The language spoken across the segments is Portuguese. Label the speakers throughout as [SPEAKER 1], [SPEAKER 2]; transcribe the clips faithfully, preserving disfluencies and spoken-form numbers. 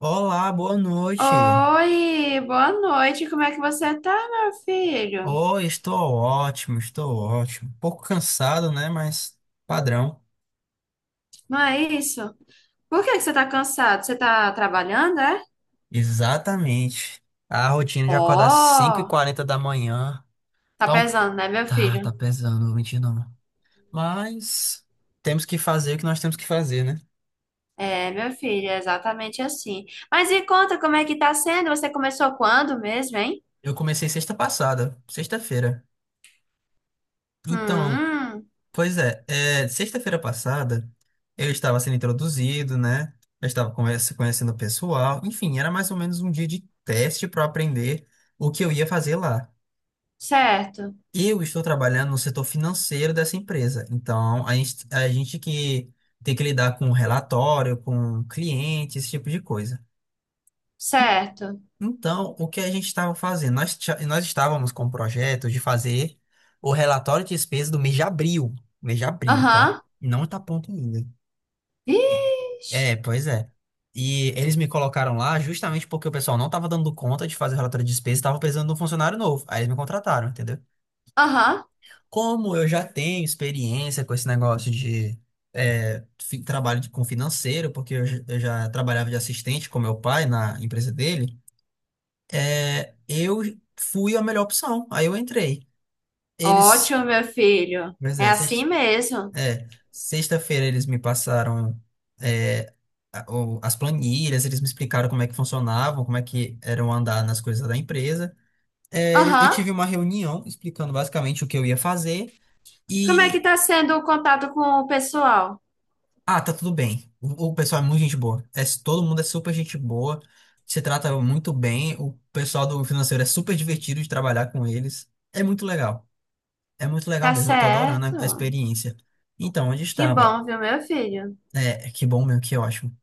[SPEAKER 1] Olá, boa noite.
[SPEAKER 2] Oi, boa noite. Como é que você tá, meu filho?
[SPEAKER 1] Oh, estou ótimo, estou ótimo. Um pouco cansado, né? Mas padrão.
[SPEAKER 2] Não é isso? Por que que você tá cansado? Você tá trabalhando, é?
[SPEAKER 1] Exatamente. A rotina de acordar às
[SPEAKER 2] Ó,
[SPEAKER 1] cinco e quarenta da manhã.
[SPEAKER 2] tá
[SPEAKER 1] Então,
[SPEAKER 2] pesando, né, meu
[SPEAKER 1] tá, tá
[SPEAKER 2] filho?
[SPEAKER 1] pesando, não vou mentir não. Mas temos que fazer o que nós temos que fazer, né?
[SPEAKER 2] É, meu filho, é exatamente assim. Mas me conta como é que tá sendo? Você começou quando mesmo, hein?
[SPEAKER 1] Eu comecei sexta passada, sexta-feira. Então,
[SPEAKER 2] Hum,
[SPEAKER 1] pois é, é, sexta-feira passada eu estava sendo introduzido, né? Eu estava conversa- conhecendo o pessoal, enfim, era mais ou menos um dia de teste para aprender o que eu ia fazer lá.
[SPEAKER 2] certo,
[SPEAKER 1] Eu estou trabalhando no setor financeiro dessa empresa, então a gente, a gente que tem que lidar com relatório, com cliente, esse tipo de coisa.
[SPEAKER 2] certo.
[SPEAKER 1] Então, o que a gente estava fazendo? Nós, tia- nós estávamos com o projeto de fazer o relatório de despesa do mês de abril, mês de abril, tá?
[SPEAKER 2] Aham.
[SPEAKER 1] Não tá pronto ainda.
[SPEAKER 2] Ixi.
[SPEAKER 1] É, pois é. E eles me colocaram lá justamente porque o pessoal não estava dando conta de fazer relatório de despesa, e estava precisando de um funcionário novo. Aí eles me contrataram, entendeu?
[SPEAKER 2] Aham.
[SPEAKER 1] Como eu já tenho experiência com esse negócio de é, fi- trabalho de- com financeiro, porque eu, j- eu já trabalhava de assistente com meu pai na empresa dele, é, eu fui a melhor opção. Aí eu entrei. Eles.
[SPEAKER 2] Ótimo, meu filho.
[SPEAKER 1] Mas
[SPEAKER 2] É
[SPEAKER 1] é,
[SPEAKER 2] assim mesmo.
[SPEAKER 1] É, sexta-feira eles me passaram é, a- o- as planilhas, eles me explicaram como é que funcionavam, como é que eram andar nas coisas da empresa. É, eu
[SPEAKER 2] Aham.
[SPEAKER 1] tive uma reunião explicando basicamente o que eu ia fazer
[SPEAKER 2] Como é que
[SPEAKER 1] e,
[SPEAKER 2] tá sendo o contato com o pessoal?
[SPEAKER 1] ah, tá tudo bem. O, o pessoal é muito gente boa. É, todo mundo é super gente boa, se trata muito bem. O pessoal do financeiro é super divertido de trabalhar com eles. É muito legal. É muito legal
[SPEAKER 2] Tá
[SPEAKER 1] mesmo. Eu tô adorando a, a
[SPEAKER 2] certo.
[SPEAKER 1] experiência. Então, onde
[SPEAKER 2] Que
[SPEAKER 1] estava?
[SPEAKER 2] bom, viu, meu filho?
[SPEAKER 1] É, que bom mesmo, que ótimo.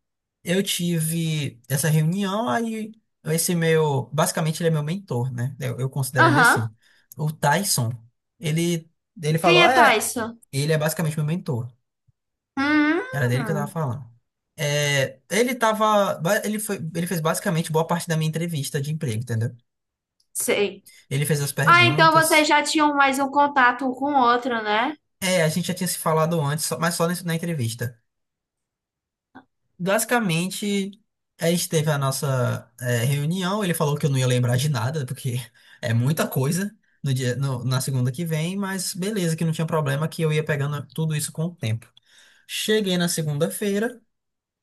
[SPEAKER 1] Eu tive essa reunião, aí esse meu, basicamente ele é meu mentor, né? Eu, eu considero ele
[SPEAKER 2] Aham.
[SPEAKER 1] assim. O Tyson, ele, ele
[SPEAKER 2] Quem
[SPEAKER 1] falou,
[SPEAKER 2] é
[SPEAKER 1] é,
[SPEAKER 2] Tyson?
[SPEAKER 1] ele é basicamente meu mentor. Era dele que eu tava
[SPEAKER 2] Hum,
[SPEAKER 1] falando. É, ele tava, ba- ele foi, ele fez basicamente boa parte da minha entrevista de emprego, entendeu?
[SPEAKER 2] sei.
[SPEAKER 1] Ele fez as
[SPEAKER 2] Ah, então vocês
[SPEAKER 1] perguntas.
[SPEAKER 2] já tinham mais um contato um com o outro, né?
[SPEAKER 1] É, a gente já tinha se falado antes, só- mas só nesse- na entrevista. Basicamente, a gente teve a nossa eh, reunião. Ele falou que eu não ia lembrar de nada, porque é muita coisa no dia, no- na segunda que vem, mas beleza, que não tinha problema, que eu ia pegando tudo isso com o tempo. Cheguei na segunda-feira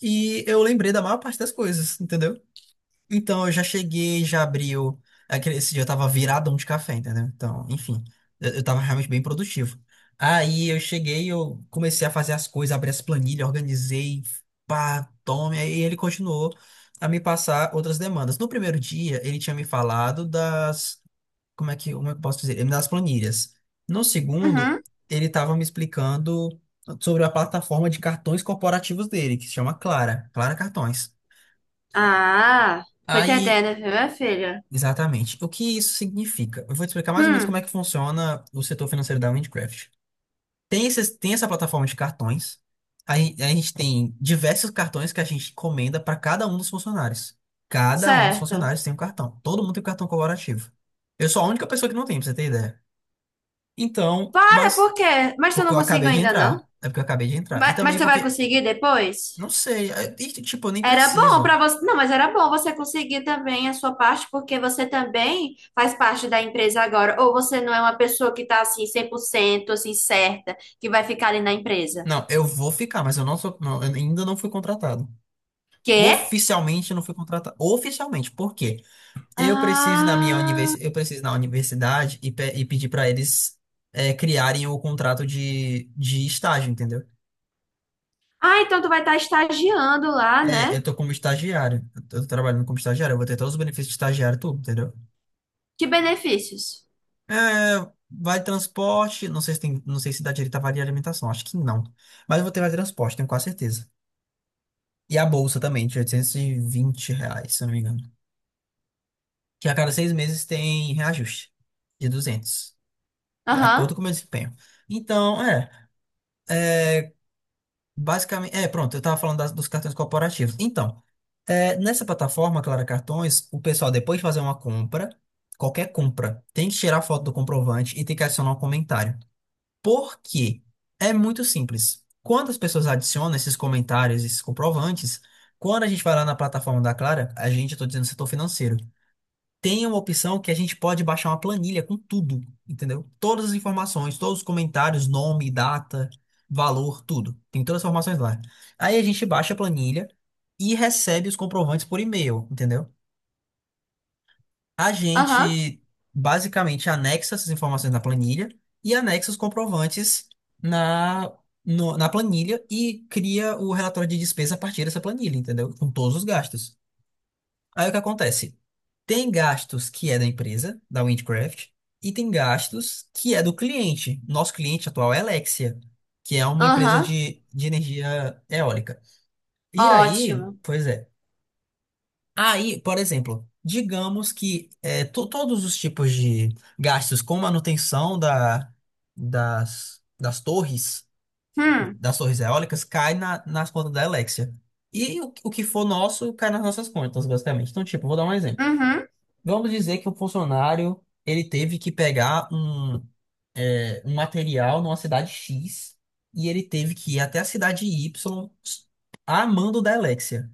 [SPEAKER 1] e eu lembrei da maior parte das coisas, entendeu? Então, eu já cheguei, já abriu. Aquele, esse dia eu tava viradão de café, entendeu? Então, enfim, eu, eu tava realmente bem produtivo. Aí eu cheguei, eu comecei a fazer as coisas, abri as planilhas, organizei, pá, tome. Aí ele continuou a me passar outras demandas. No primeiro dia, ele tinha me falado das. Como é que, como é que eu posso dizer? Ele me dá as planilhas. No segundo,
[SPEAKER 2] Uhum.
[SPEAKER 1] ele tava me explicando sobre a plataforma de cartões corporativos dele, que se chama Clara, Clara Cartões.
[SPEAKER 2] Ah, tô
[SPEAKER 1] Aí
[SPEAKER 2] entendendo, viu, minha filha?
[SPEAKER 1] exatamente. O que isso significa? Eu vou te explicar mais ou menos como é
[SPEAKER 2] Hum,
[SPEAKER 1] que funciona o setor financeiro da Windcraft. Tem, esses, tem essa plataforma de cartões. Aí a gente tem diversos cartões que a gente encomenda para cada um dos funcionários. Cada um dos
[SPEAKER 2] certo.
[SPEAKER 1] funcionários tem um cartão. Todo mundo tem um cartão colaborativo. Eu sou a única pessoa que não tem, pra você ter ideia. Então,
[SPEAKER 2] Para,
[SPEAKER 1] mas
[SPEAKER 2] por quê? Mas eu
[SPEAKER 1] porque
[SPEAKER 2] não
[SPEAKER 1] eu
[SPEAKER 2] consigo
[SPEAKER 1] acabei de
[SPEAKER 2] ainda, não?
[SPEAKER 1] entrar. É porque eu acabei de entrar. E
[SPEAKER 2] Mas, mas
[SPEAKER 1] também
[SPEAKER 2] tu vai
[SPEAKER 1] porque,
[SPEAKER 2] conseguir depois?
[SPEAKER 1] não sei, é- e, tipo, eu nem
[SPEAKER 2] Era bom
[SPEAKER 1] preciso.
[SPEAKER 2] para você. Não, mas era bom você conseguir também a sua parte, porque você também faz parte da empresa agora. Ou você não é uma pessoa que tá assim cem por cento assim certa, que vai ficar ali na empresa.
[SPEAKER 1] Não, eu vou ficar, mas eu não sou, não, eu ainda não fui contratado.
[SPEAKER 2] Quê?
[SPEAKER 1] Oficialmente eu não fui contratado. Oficialmente, por quê? Eu preciso ir na minha
[SPEAKER 2] Ah,
[SPEAKER 1] universidade, eu preciso ir na universidade e, pe- e pedir para eles é, criarem o contrato de, de estágio, entendeu?
[SPEAKER 2] ah, então tu vai estar estagiando lá,
[SPEAKER 1] É,
[SPEAKER 2] né?
[SPEAKER 1] eu tô como estagiário, eu tô trabalhando como estagiário, eu vou ter todos os benefícios de estagiário, tudo, entendeu?
[SPEAKER 2] Que benefícios?
[SPEAKER 1] É, vale transporte, não sei se tem, não sei se dá direito a vale alimentação, acho que não. Mas eu vou ter vale transporte, tenho quase certeza. E a bolsa também, de oitocentos e vinte reais, se eu não me engano. Que a cada seis meses tem reajuste de duzentos, de
[SPEAKER 2] Aham,
[SPEAKER 1] acordo com o meu desempenho. Então, é, basicamente, é, pronto, eu estava falando das- dos cartões corporativos. Então, é, nessa plataforma, Clara Cartões, o pessoal, depois de fazer uma compra, qualquer compra, tem que tirar foto do comprovante e tem que adicionar um comentário. Por quê? É muito simples. Quando as pessoas adicionam esses comentários, esses comprovantes, quando a gente vai lá na plataforma da Clara, a gente, eu tô dizendo setor financeiro, tem uma opção que a gente pode baixar uma planilha com tudo, entendeu? Todas as informações, todos os comentários, nome, data, valor, tudo. Tem todas as informações lá. Aí a gente baixa a planilha e recebe os comprovantes por e-mail, entendeu? A
[SPEAKER 2] aham,
[SPEAKER 1] gente basicamente anexa essas informações na planilha e anexa os comprovantes na, no- na planilha e cria o relatório de despesa a partir dessa planilha, entendeu? Com todos os gastos. Aí o que acontece? Tem gastos que é da empresa, da Windcraft, e tem gastos que é do cliente. Nosso cliente atual é a Alexia, que é uma empresa
[SPEAKER 2] aham.
[SPEAKER 1] de, de energia eólica. E aí,
[SPEAKER 2] Ótimo.
[SPEAKER 1] pois é. Aí, por exemplo, digamos que é, to- todos os tipos de gastos com manutenção da, das, das torres,
[SPEAKER 2] Hum,
[SPEAKER 1] das torres eólicas, cai na, nas contas da Alexia. E o, o que for nosso cai nas nossas contas, basicamente. Então, tipo, vou dar um exemplo.
[SPEAKER 2] uhum,
[SPEAKER 1] Vamos dizer que o funcionário ele teve que pegar um, é, um material numa cidade X e ele teve que ir até a cidade Y a mando da Alexia.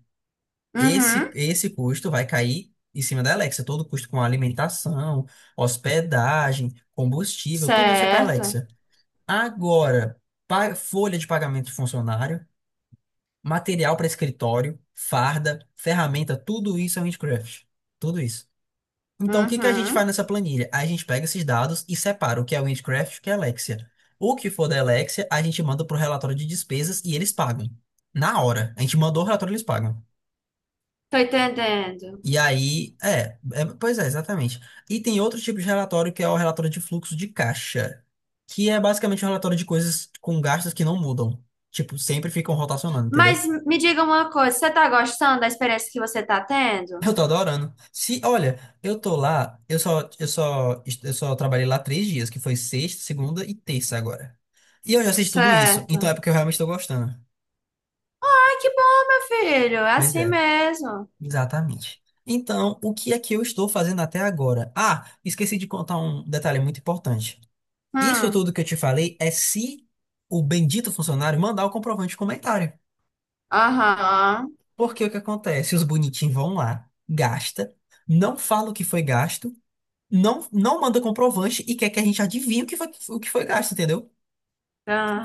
[SPEAKER 1] Esse,
[SPEAKER 2] uhum.
[SPEAKER 1] esse custo vai cair em cima da Alexia. Todo custo com alimentação, hospedagem, combustível, tudo isso é para a
[SPEAKER 2] Certo.
[SPEAKER 1] Alexia. Agora, pa- folha de pagamento de funcionário, material para escritório, farda, ferramenta, tudo isso é Windcraft. Tudo isso. Então, o que que a gente faz
[SPEAKER 2] Uhum.
[SPEAKER 1] nessa planilha? A gente pega esses dados e separa o que é Windcraft e o que é Alexia. O que for da Alexia, a gente manda para o relatório de despesas e eles pagam. Na hora. A gente mandou o relatório, e eles pagam.
[SPEAKER 2] Tô entendendo.
[SPEAKER 1] E aí, é, é, pois é, exatamente. E tem outro tipo de relatório que é o relatório de fluxo de caixa, que é basicamente um relatório de coisas com gastos que não mudam. Tipo, sempre ficam rotacionando, entendeu?
[SPEAKER 2] Mas me diga uma coisa, você tá gostando da experiência que você tá tendo?
[SPEAKER 1] Eu tô adorando. Se, olha, eu tô lá, eu só, eu só, eu só trabalhei lá três dias, que foi sexta, segunda e terça agora. E eu já sei de tudo isso, então
[SPEAKER 2] Certo.
[SPEAKER 1] é porque eu realmente tô gostando.
[SPEAKER 2] Ai, que bom, meu filho. É
[SPEAKER 1] Pois
[SPEAKER 2] assim
[SPEAKER 1] é,
[SPEAKER 2] mesmo.
[SPEAKER 1] exatamente. Então, o que é que eu estou fazendo até agora? Ah, esqueci de contar um detalhe muito importante. Isso
[SPEAKER 2] Hum,
[SPEAKER 1] tudo que eu te falei é se o bendito funcionário mandar o comprovante de comentário.
[SPEAKER 2] aham,
[SPEAKER 1] Porque o que acontece? Os bonitinhos vão lá, gasta, não fala o que foi gasto. Não, não manda comprovante e quer que a gente adivinhe o que foi, o que foi gasto, entendeu?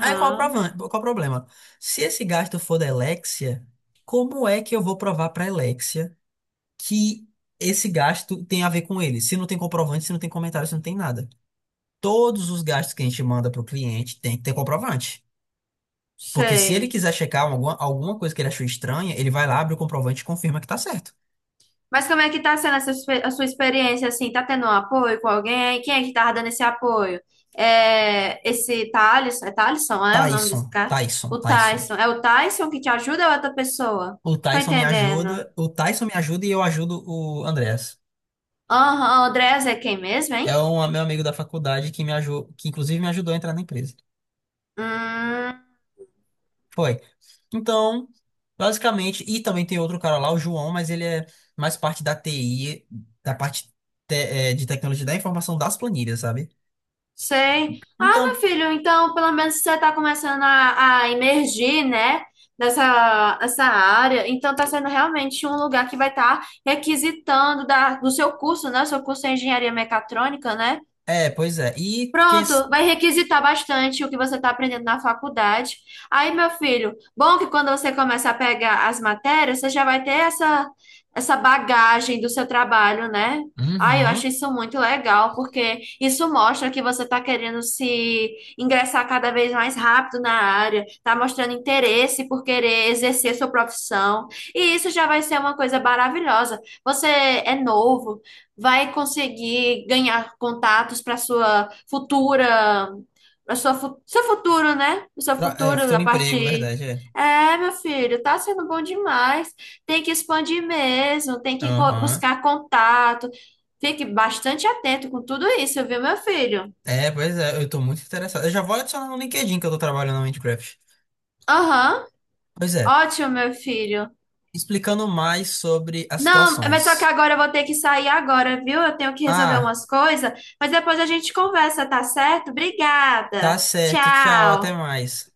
[SPEAKER 1] Aí qual é o provan- qual é o problema? Se esse gasto for da Alexia, como é que eu vou provar para Alexia que esse gasto tem a ver com ele? Se não tem comprovante, se não tem comentário, se não tem nada. Todos os gastos que a gente manda para o cliente tem que ter comprovante. Porque se ele
[SPEAKER 2] sei.
[SPEAKER 1] quiser checar alguma, alguma coisa que ele achou estranha, ele vai lá, abre o comprovante e confirma que tá certo.
[SPEAKER 2] Mas como é que tá sendo essa, espe- a sua experiência, assim? Tá tendo um apoio com alguém? Quem é que tava dando esse apoio? É, esse Thales, é Thaleson, né? O nome desse
[SPEAKER 1] Tyson,
[SPEAKER 2] cara?
[SPEAKER 1] Tyson,
[SPEAKER 2] O
[SPEAKER 1] Tyson.
[SPEAKER 2] Tyson. É o Tyson que te ajuda ou é outra pessoa?
[SPEAKER 1] O
[SPEAKER 2] Tô
[SPEAKER 1] Tyson me
[SPEAKER 2] entendendo.
[SPEAKER 1] ajuda, o Tyson me ajuda e eu ajudo o Andrés.
[SPEAKER 2] Aham, o Andrés é quem mesmo,
[SPEAKER 1] É
[SPEAKER 2] hein?
[SPEAKER 1] um é meu amigo da faculdade que me ajudou, que inclusive me ajudou a entrar na empresa.
[SPEAKER 2] Hum.
[SPEAKER 1] Foi. Então, basicamente, e também tem outro cara lá, o João, mas ele é mais parte da T I, da parte te- eh, de tecnologia da informação das planilhas, sabe?
[SPEAKER 2] Sei. Ah, meu
[SPEAKER 1] Então,
[SPEAKER 2] filho, então pelo menos você está começando a, a, emergir, né? Nessa, essa área. Então está sendo realmente um lugar que vai estar requisitando da, do seu curso, né? O seu curso é engenharia mecatrônica, né?
[SPEAKER 1] é, pois é. E quem. s-
[SPEAKER 2] Pronto, vai requisitar bastante o que você está aprendendo na faculdade. Aí, meu filho, bom que quando você começa a pegar as matérias, você já vai ter essa, essa bagagem do seu trabalho, né? Ai, eu acho
[SPEAKER 1] Uhum.
[SPEAKER 2] isso muito legal, porque isso mostra que você está querendo se ingressar cada vez mais rápido na área, está mostrando interesse por querer exercer sua profissão, e isso já vai ser uma coisa maravilhosa. Você é novo, vai conseguir ganhar contatos para sua futura, para sua fu- seu futuro, né? O seu
[SPEAKER 1] Tra- É, o
[SPEAKER 2] futuro da
[SPEAKER 1] futuro emprego,
[SPEAKER 2] parte.
[SPEAKER 1] verdade, é.
[SPEAKER 2] É, meu filho, tá sendo bom demais. Tem que expandir mesmo, tem que co-
[SPEAKER 1] Aham.
[SPEAKER 2] buscar contato. Fique bastante atento com tudo isso, viu, meu filho?
[SPEAKER 1] É, pois é, eu tô muito interessado. Eu já vou adicionar no LinkedIn que eu tô trabalhando no Minecraft.
[SPEAKER 2] Aham,
[SPEAKER 1] Pois é.
[SPEAKER 2] ótimo, meu filho.
[SPEAKER 1] Explicando mais sobre as
[SPEAKER 2] Não, mas só que
[SPEAKER 1] situações.
[SPEAKER 2] agora eu vou ter que sair agora, viu? Eu tenho que resolver
[SPEAKER 1] Ah.
[SPEAKER 2] umas coisas, mas depois a gente conversa, tá certo? Obrigada.
[SPEAKER 1] Tá certo, tchau, até
[SPEAKER 2] Tchau.
[SPEAKER 1] mais.